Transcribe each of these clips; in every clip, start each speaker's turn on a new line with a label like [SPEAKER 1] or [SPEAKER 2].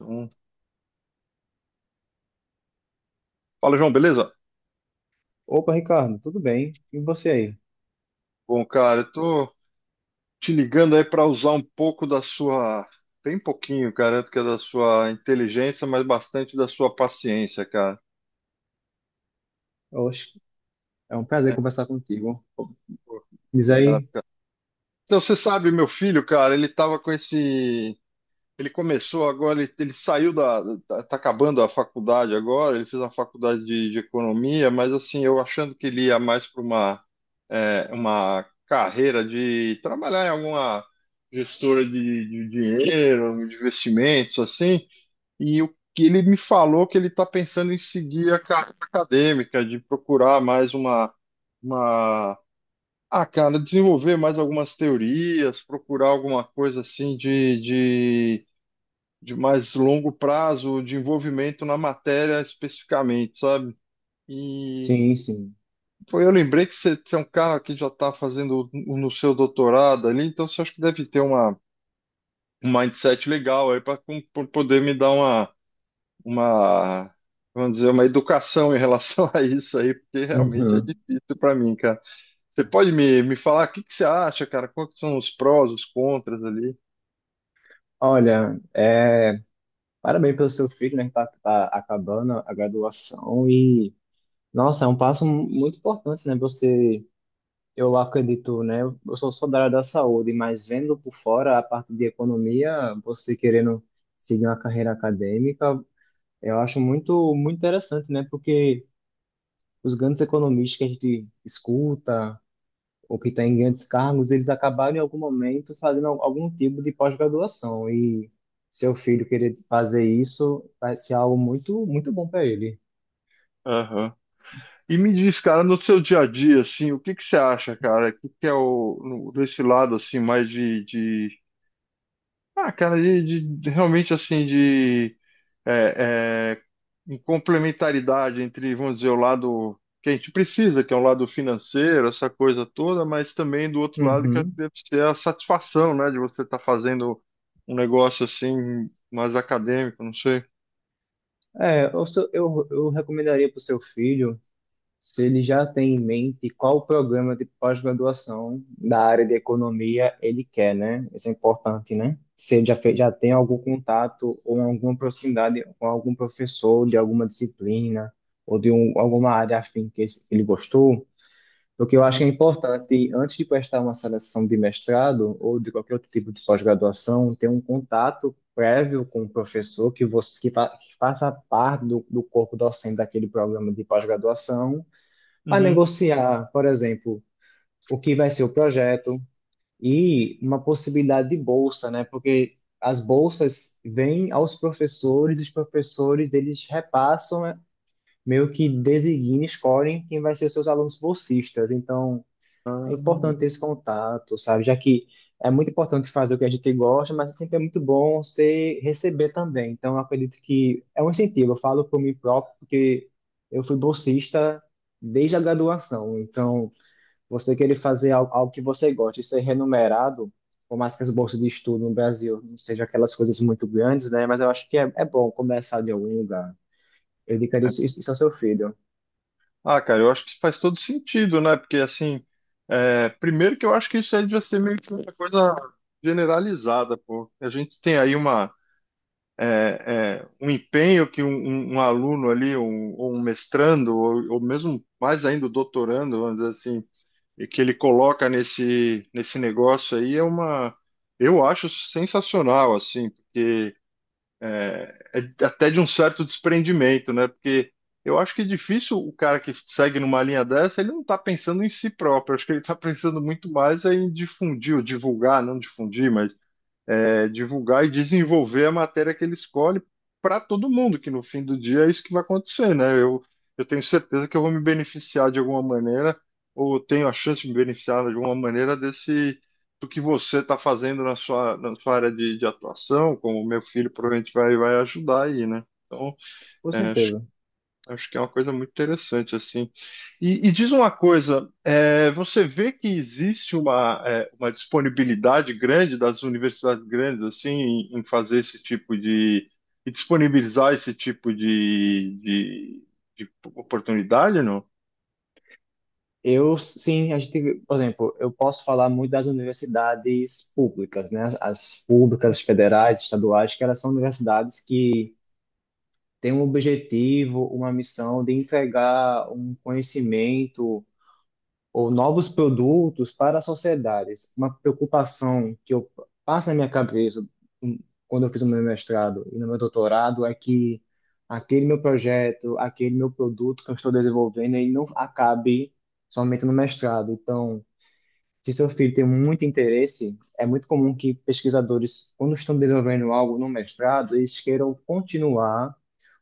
[SPEAKER 1] Um... Fala, João, beleza?
[SPEAKER 2] Opa, Ricardo, tudo bem? E você aí?
[SPEAKER 1] Bom, cara, eu tô te ligando aí pra usar um pouco da sua, bem pouquinho, garanto que é da sua inteligência, mas bastante da sua paciência, cara.
[SPEAKER 2] Oxe, é um prazer
[SPEAKER 1] É,
[SPEAKER 2] conversar contigo.
[SPEAKER 1] pô,
[SPEAKER 2] Diz
[SPEAKER 1] obrigado,
[SPEAKER 2] aí?
[SPEAKER 1] cara. Então, você sabe, meu filho, cara, ele começou agora, ele tá acabando a faculdade agora, ele fez uma faculdade de economia, mas assim, eu achando que ele ia mais para uma, uma carreira de trabalhar em alguma gestora de dinheiro, de investimentos, assim, e o que ele me falou que ele está pensando em seguir a carreira acadêmica, de procurar mais uma, uma cara, desenvolver mais algumas teorias, procurar alguma coisa assim de mais longo prazo, de envolvimento na matéria especificamente, sabe? E
[SPEAKER 2] Sim, sim.
[SPEAKER 1] pô, eu lembrei que você é um cara que já está fazendo no seu doutorado ali, então você acha que deve ter um mindset legal aí para poder me dar uma, uma, vamos dizer, uma educação em relação a isso aí, porque realmente é
[SPEAKER 2] Uhum.
[SPEAKER 1] difícil para mim, cara. Você pode me falar o que que você acha, cara? Quais que são os prós, os contras ali?
[SPEAKER 2] Olha, é, parabéns pelo seu filho, né, que tá acabando a graduação e, nossa, é um passo muito importante, né? Você, eu acredito, né? Eu sou da área da saúde, mas vendo por fora a parte de economia, você querendo seguir uma carreira acadêmica, eu acho muito, muito interessante, né? Porque os grandes economistas que a gente escuta, ou que têm grandes cargos, eles acabaram em algum momento fazendo algum tipo de pós-graduação. E seu filho querer fazer isso vai ser algo muito, muito bom para ele.
[SPEAKER 1] Aham. E me diz, cara, no seu dia a dia, assim, o que que você acha, cara? O que que é o, no- desse lado, assim, mais ah, cara, realmente, assim, é, é, em complementaridade entre, vamos dizer, o lado que a gente precisa, que é o lado financeiro, essa coisa toda, mas também do outro lado que eu acho que
[SPEAKER 2] Uhum.
[SPEAKER 1] deve ser a satisfação, né, de você estar fazendo um negócio, assim, mais acadêmico, não sei.
[SPEAKER 2] É, eu recomendaria para o seu filho, se ele já tem em mente qual o programa de pós-graduação da área de economia ele quer, né? Isso é importante, né? Se ele já, fez, já tem algum contato ou alguma proximidade com algum professor de alguma disciplina ou de alguma área afim que ele gostou. O que eu acho
[SPEAKER 1] Uhum,
[SPEAKER 2] que é importante, antes de prestar uma seleção de mestrado ou de qualquer outro tipo de pós-graduação, ter um contato prévio com o professor que você que, fa, que faça parte do corpo docente daquele programa de pós-graduação, para
[SPEAKER 1] uhum.
[SPEAKER 2] negociar, por exemplo, o que vai ser o projeto e uma possibilidade de bolsa, né? Porque as bolsas vêm aos professores, os professores eles repassam, né? Meio que designem, escolhem quem vai ser os seus alunos bolsistas. Então é
[SPEAKER 1] Ah.
[SPEAKER 2] importante ter esse contato, sabe? Já que é muito importante fazer o que a gente gosta, mas sempre é muito bom você receber também. Então, eu acredito que é um incentivo. Eu falo por mim próprio, porque eu fui bolsista desde a graduação. Então, você querer fazer algo, algo que você gosta e ser remunerado, por mais que as bolsas de estudo no Brasil não sejam aquelas coisas muito grandes, né? Mas eu acho que é bom começar de algum lugar. Eu indicaria
[SPEAKER 1] É.
[SPEAKER 2] isso ao seu filho,
[SPEAKER 1] Ah, cara, eu acho que faz todo sentido, né? Porque, assim, é, primeiro que eu acho que isso aí devia ser meio que uma coisa generalizada, pô. A gente tem aí um empenho que um aluno ali, ou um mestrando, ou mesmo mais ainda o doutorando, vamos dizer assim, e que ele coloca nesse negócio aí eu acho sensacional, assim, porque é, é até de um certo desprendimento, né? Porque eu acho que é difícil o cara que segue numa linha dessa, ele não está pensando em si próprio. Acho que ele está pensando muito mais em difundir ou divulgar, não difundir, mas é, divulgar e desenvolver a matéria que ele escolhe para todo mundo, que no fim do dia é isso que vai acontecer, né? Eu tenho certeza que eu vou me beneficiar de alguma maneira, ou tenho a chance de me beneficiar de alguma maneira desse do que você está fazendo na sua área de atuação, como o meu filho provavelmente vai ajudar aí, né? Então,
[SPEAKER 2] com
[SPEAKER 1] é, acho
[SPEAKER 2] certeza.
[SPEAKER 1] acho que é uma coisa muito interessante, assim. E diz uma coisa, é, você vê que existe uma disponibilidade grande das universidades grandes, assim, em fazer esse tipo de e disponibilizar esse tipo de oportunidade, não?
[SPEAKER 2] Eu, sim, a gente, por exemplo, eu posso falar muito das universidades públicas, né? As públicas, as federais, estaduais, que elas são universidades que têm um objetivo, uma missão de entregar um conhecimento ou novos produtos para as sociedades. Uma preocupação que eu passo na minha cabeça, hum, quando eu fiz o meu mestrado e no meu doutorado, é que aquele meu projeto, aquele meu produto que eu estou desenvolvendo, ele não acabe somente no mestrado. Então, se seu filho tem muito interesse, é muito comum que pesquisadores, quando estão desenvolvendo algo no mestrado, eles queiram continuar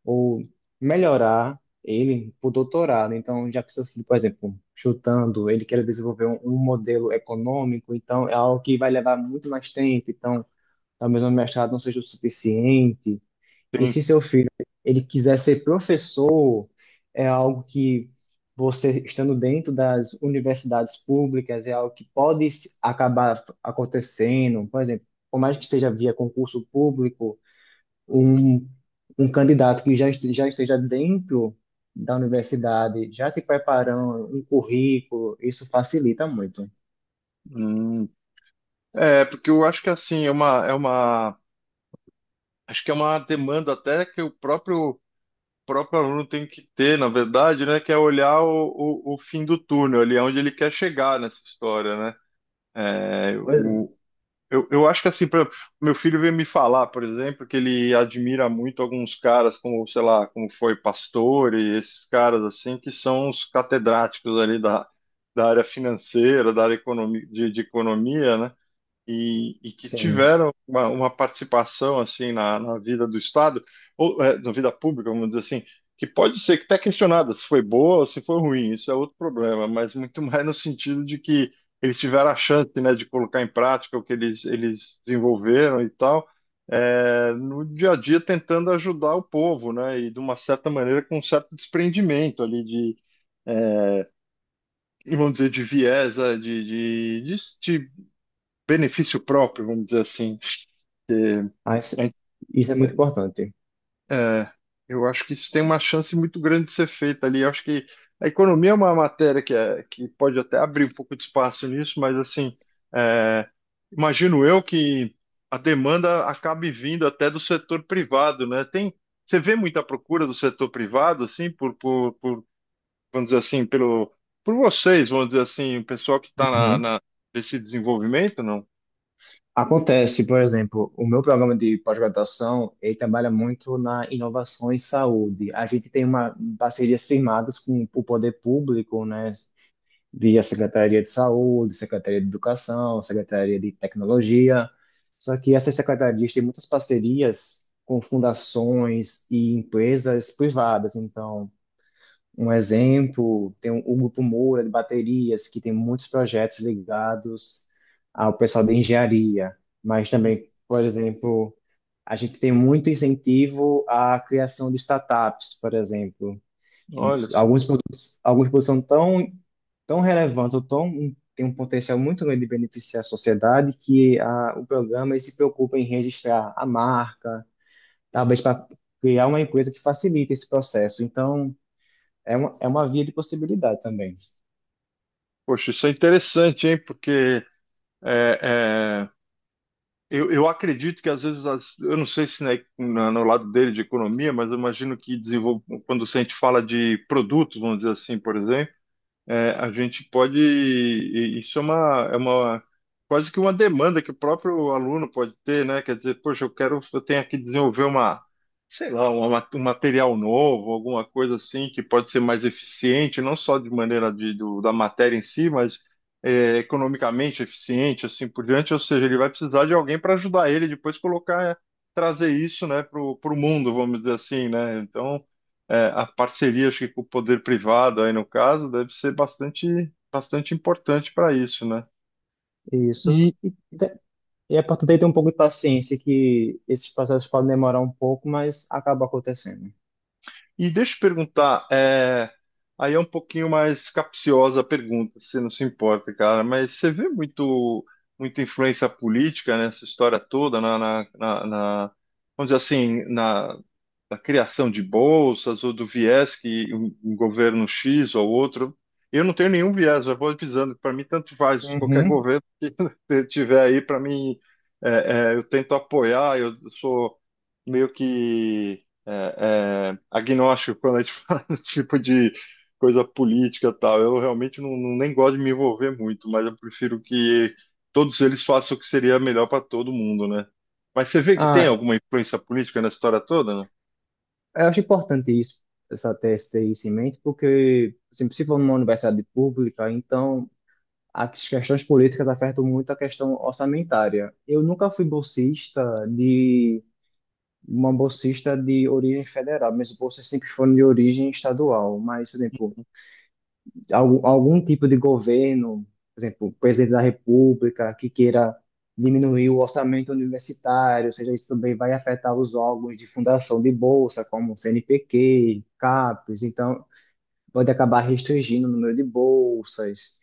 [SPEAKER 2] ou melhorar ele para o doutorado. Então, já que seu filho, por exemplo, chutando, ele quer desenvolver um modelo econômico, então é algo que vai levar muito mais tempo. Então, talvez o mestrado não seja o suficiente. E
[SPEAKER 1] Tem.
[SPEAKER 2] se seu filho ele quiser ser professor, é algo que você estando dentro das universidades públicas é algo que pode acabar acontecendo. Por exemplo, por mais que seja via concurso público, um, um candidato que já esteja dentro da universidade, já se preparando, um currículo, isso facilita muito.
[SPEAKER 1] Hum. É, porque eu acho que, assim, acho que é uma demanda até que o próprio aluno tem que ter, na verdade, né, que é olhar o fim do túnel, ali é onde ele quer chegar nessa história, né? É,
[SPEAKER 2] Pois é.
[SPEAKER 1] o, eu acho que assim, por exemplo, meu filho veio me falar, por exemplo, que ele admira muito alguns caras como, sei lá, como foi Pastor e esses caras assim, que são os catedráticos ali da área financeira, da área economi, de economia, né? E que
[SPEAKER 2] Sim,
[SPEAKER 1] tiveram uma participação assim na vida do Estado, ou na vida pública, vamos dizer assim, que pode ser que está questionada se foi boa ou se foi ruim, isso é outro problema, mas muito mais no sentido de que eles tiveram a chance, né, de colocar em prática o que eles desenvolveram e tal, no dia a dia tentando ajudar o povo, né, e de uma certa maneira com um certo desprendimento ali de eh, vamos dizer, de viés, de benefício próprio, vamos dizer assim, porque, é,
[SPEAKER 2] mas isso é muito importante.
[SPEAKER 1] é, eu acho que isso tem uma chance muito grande de ser feito ali. Eu acho que a economia é uma matéria que, é, que pode até abrir um pouco de espaço nisso, mas assim, é, imagino eu que a demanda acabe vindo até do setor privado, né? Tem, você vê muita procura do setor privado, assim, vamos dizer assim, por vocês, vamos dizer assim, o pessoal que está
[SPEAKER 2] Uhum.
[SPEAKER 1] nesse desenvolvimento, não?
[SPEAKER 2] Acontece, por exemplo, o meu programa de pós-graduação, ele trabalha muito na inovação em saúde. A gente tem uma parcerias firmadas com o poder público, né, via Secretaria de Saúde, Secretaria de Educação, Secretaria de Tecnologia. Só que essas secretarias têm muitas parcerias com fundações e empresas privadas. Então, um exemplo, tem o Grupo Moura de baterias, que tem muitos projetos ligados ao pessoal de engenharia, mas também, por exemplo, a gente tem muito incentivo à criação de startups, por exemplo.
[SPEAKER 1] Olha, só.
[SPEAKER 2] Alguns produtos são tão, tão relevantes ou tão, têm um potencial muito grande de beneficiar a sociedade que o programa ele se preocupa em registrar a marca, talvez para criar uma empresa que facilite esse processo. Então, é uma via de possibilidade também.
[SPEAKER 1] Poxa, isso é interessante, hein? Porque é, é, eu acredito que às vezes, eu não sei se né, no lado dele de economia, mas eu imagino que quando a gente fala de produtos, vamos dizer assim, por exemplo. É, a gente pode. Isso é uma, é uma quase que uma demanda que o próprio aluno pode ter, né? Quer dizer, poxa, eu quero, eu tenho que desenvolver uma, sei lá, um material novo, alguma coisa assim que pode ser mais eficiente, não só de maneira da matéria em si, mas é, economicamente eficiente, assim por diante. Ou seja, ele vai precisar de alguém para ajudar ele depois colocar, trazer isso, né, para o mundo, vamos dizer assim, né? Então é, a parceria, acho que com o poder privado aí no caso, deve ser bastante, bastante importante para isso, né?
[SPEAKER 2] Isso.
[SPEAKER 1] E,
[SPEAKER 2] E é para ter um pouco de paciência que esses processos podem demorar um pouco, mas acaba acontecendo.
[SPEAKER 1] e deixa eu te perguntar, é, aí é um pouquinho mais capciosa a pergunta, se não se importa, cara, mas você vê muito, muita influência política nessa história toda, vamos dizer assim, da criação de bolsas ou do viés que um governo X ou outro. Eu não tenho nenhum viés, eu vou avisando, para mim tanto faz, qualquer
[SPEAKER 2] Uhum.
[SPEAKER 1] governo que tiver aí, para mim, eu tento apoiar, eu sou meio que agnóstico quando a gente fala desse tipo de coisa política e tal. Eu realmente não, nem gosto de me envolver muito, mas eu prefiro que todos eles façam o que seria melhor para todo mundo, né? Mas você vê que tem
[SPEAKER 2] Ah,
[SPEAKER 1] alguma influência política na história toda.
[SPEAKER 2] eu acho importante isso, essa tese ter isso em mente, porque assim, se for numa universidade pública, então as questões políticas afetam muito a questão orçamentária. Eu nunca fui bolsista de uma bolsista de origem federal, minhas bolsas sempre foram de origem estadual, mas, por exemplo, algum tipo de governo, por exemplo, o presidente da República, que queira diminuir o orçamento universitário, ou seja, isso também vai afetar os órgãos de fundação de bolsa, como o CNPq, CAPES, então pode acabar restringindo o número de bolsas.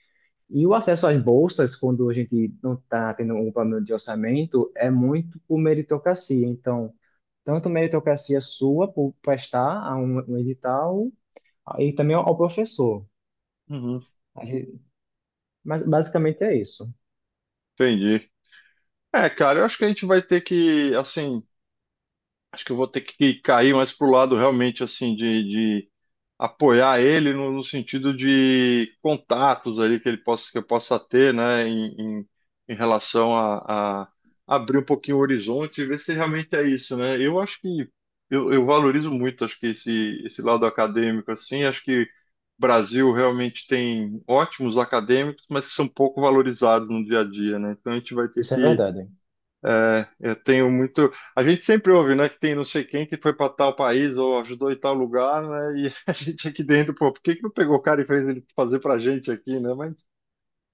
[SPEAKER 2] E o acesso às bolsas, quando a gente não está tendo um problema de orçamento, é muito por meritocracia. Então, tanto meritocracia sua por prestar a um edital, e também ao professor.
[SPEAKER 1] Uhum,
[SPEAKER 2] Mas basicamente é isso.
[SPEAKER 1] entendi. É, cara, eu acho que a gente vai ter que, assim, acho que eu vou ter que cair mais pro lado realmente, assim, de apoiar ele no sentido de contatos ali que ele possa, que eu possa ter, né, em, em relação a abrir um pouquinho o horizonte e ver se realmente é isso, né? Eu acho que eu valorizo muito, acho que esse lado acadêmico, assim, acho que o Brasil realmente tem ótimos acadêmicos, mas que são pouco valorizados no dia a dia, né? Então a gente vai ter
[SPEAKER 2] Isso é
[SPEAKER 1] que.
[SPEAKER 2] verdade.
[SPEAKER 1] É, eu tenho muito. A gente sempre ouve, né, que tem não sei quem que foi para tal país ou ajudou em tal lugar, né? E a gente aqui dentro, pô, por que que não pegou o cara e fez ele fazer para gente aqui, né? Mas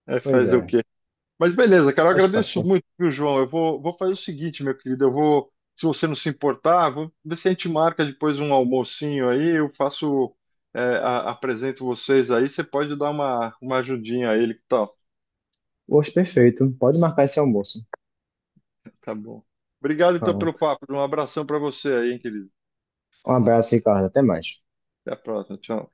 [SPEAKER 1] é,
[SPEAKER 2] Pois
[SPEAKER 1] fazer o
[SPEAKER 2] é.
[SPEAKER 1] quê? Mas beleza, cara, eu
[SPEAKER 2] Faz
[SPEAKER 1] agradeço
[SPEAKER 2] parte.
[SPEAKER 1] muito, viu, João? Eu vou fazer o seguinte, meu querido, eu vou, se você não se importar, vou ver se a gente marca depois um almocinho aí, eu faço, é, apresento vocês aí, você pode dar uma ajudinha a ele, que tal?
[SPEAKER 2] Hoje perfeito. Pode marcar esse almoço.
[SPEAKER 1] Tá bom. Obrigado, então, pelo
[SPEAKER 2] Pronto.
[SPEAKER 1] papo. Um abração para você aí, hein, querido.
[SPEAKER 2] Um abraço, Ricardo. Até mais.
[SPEAKER 1] Até a próxima. Tchau.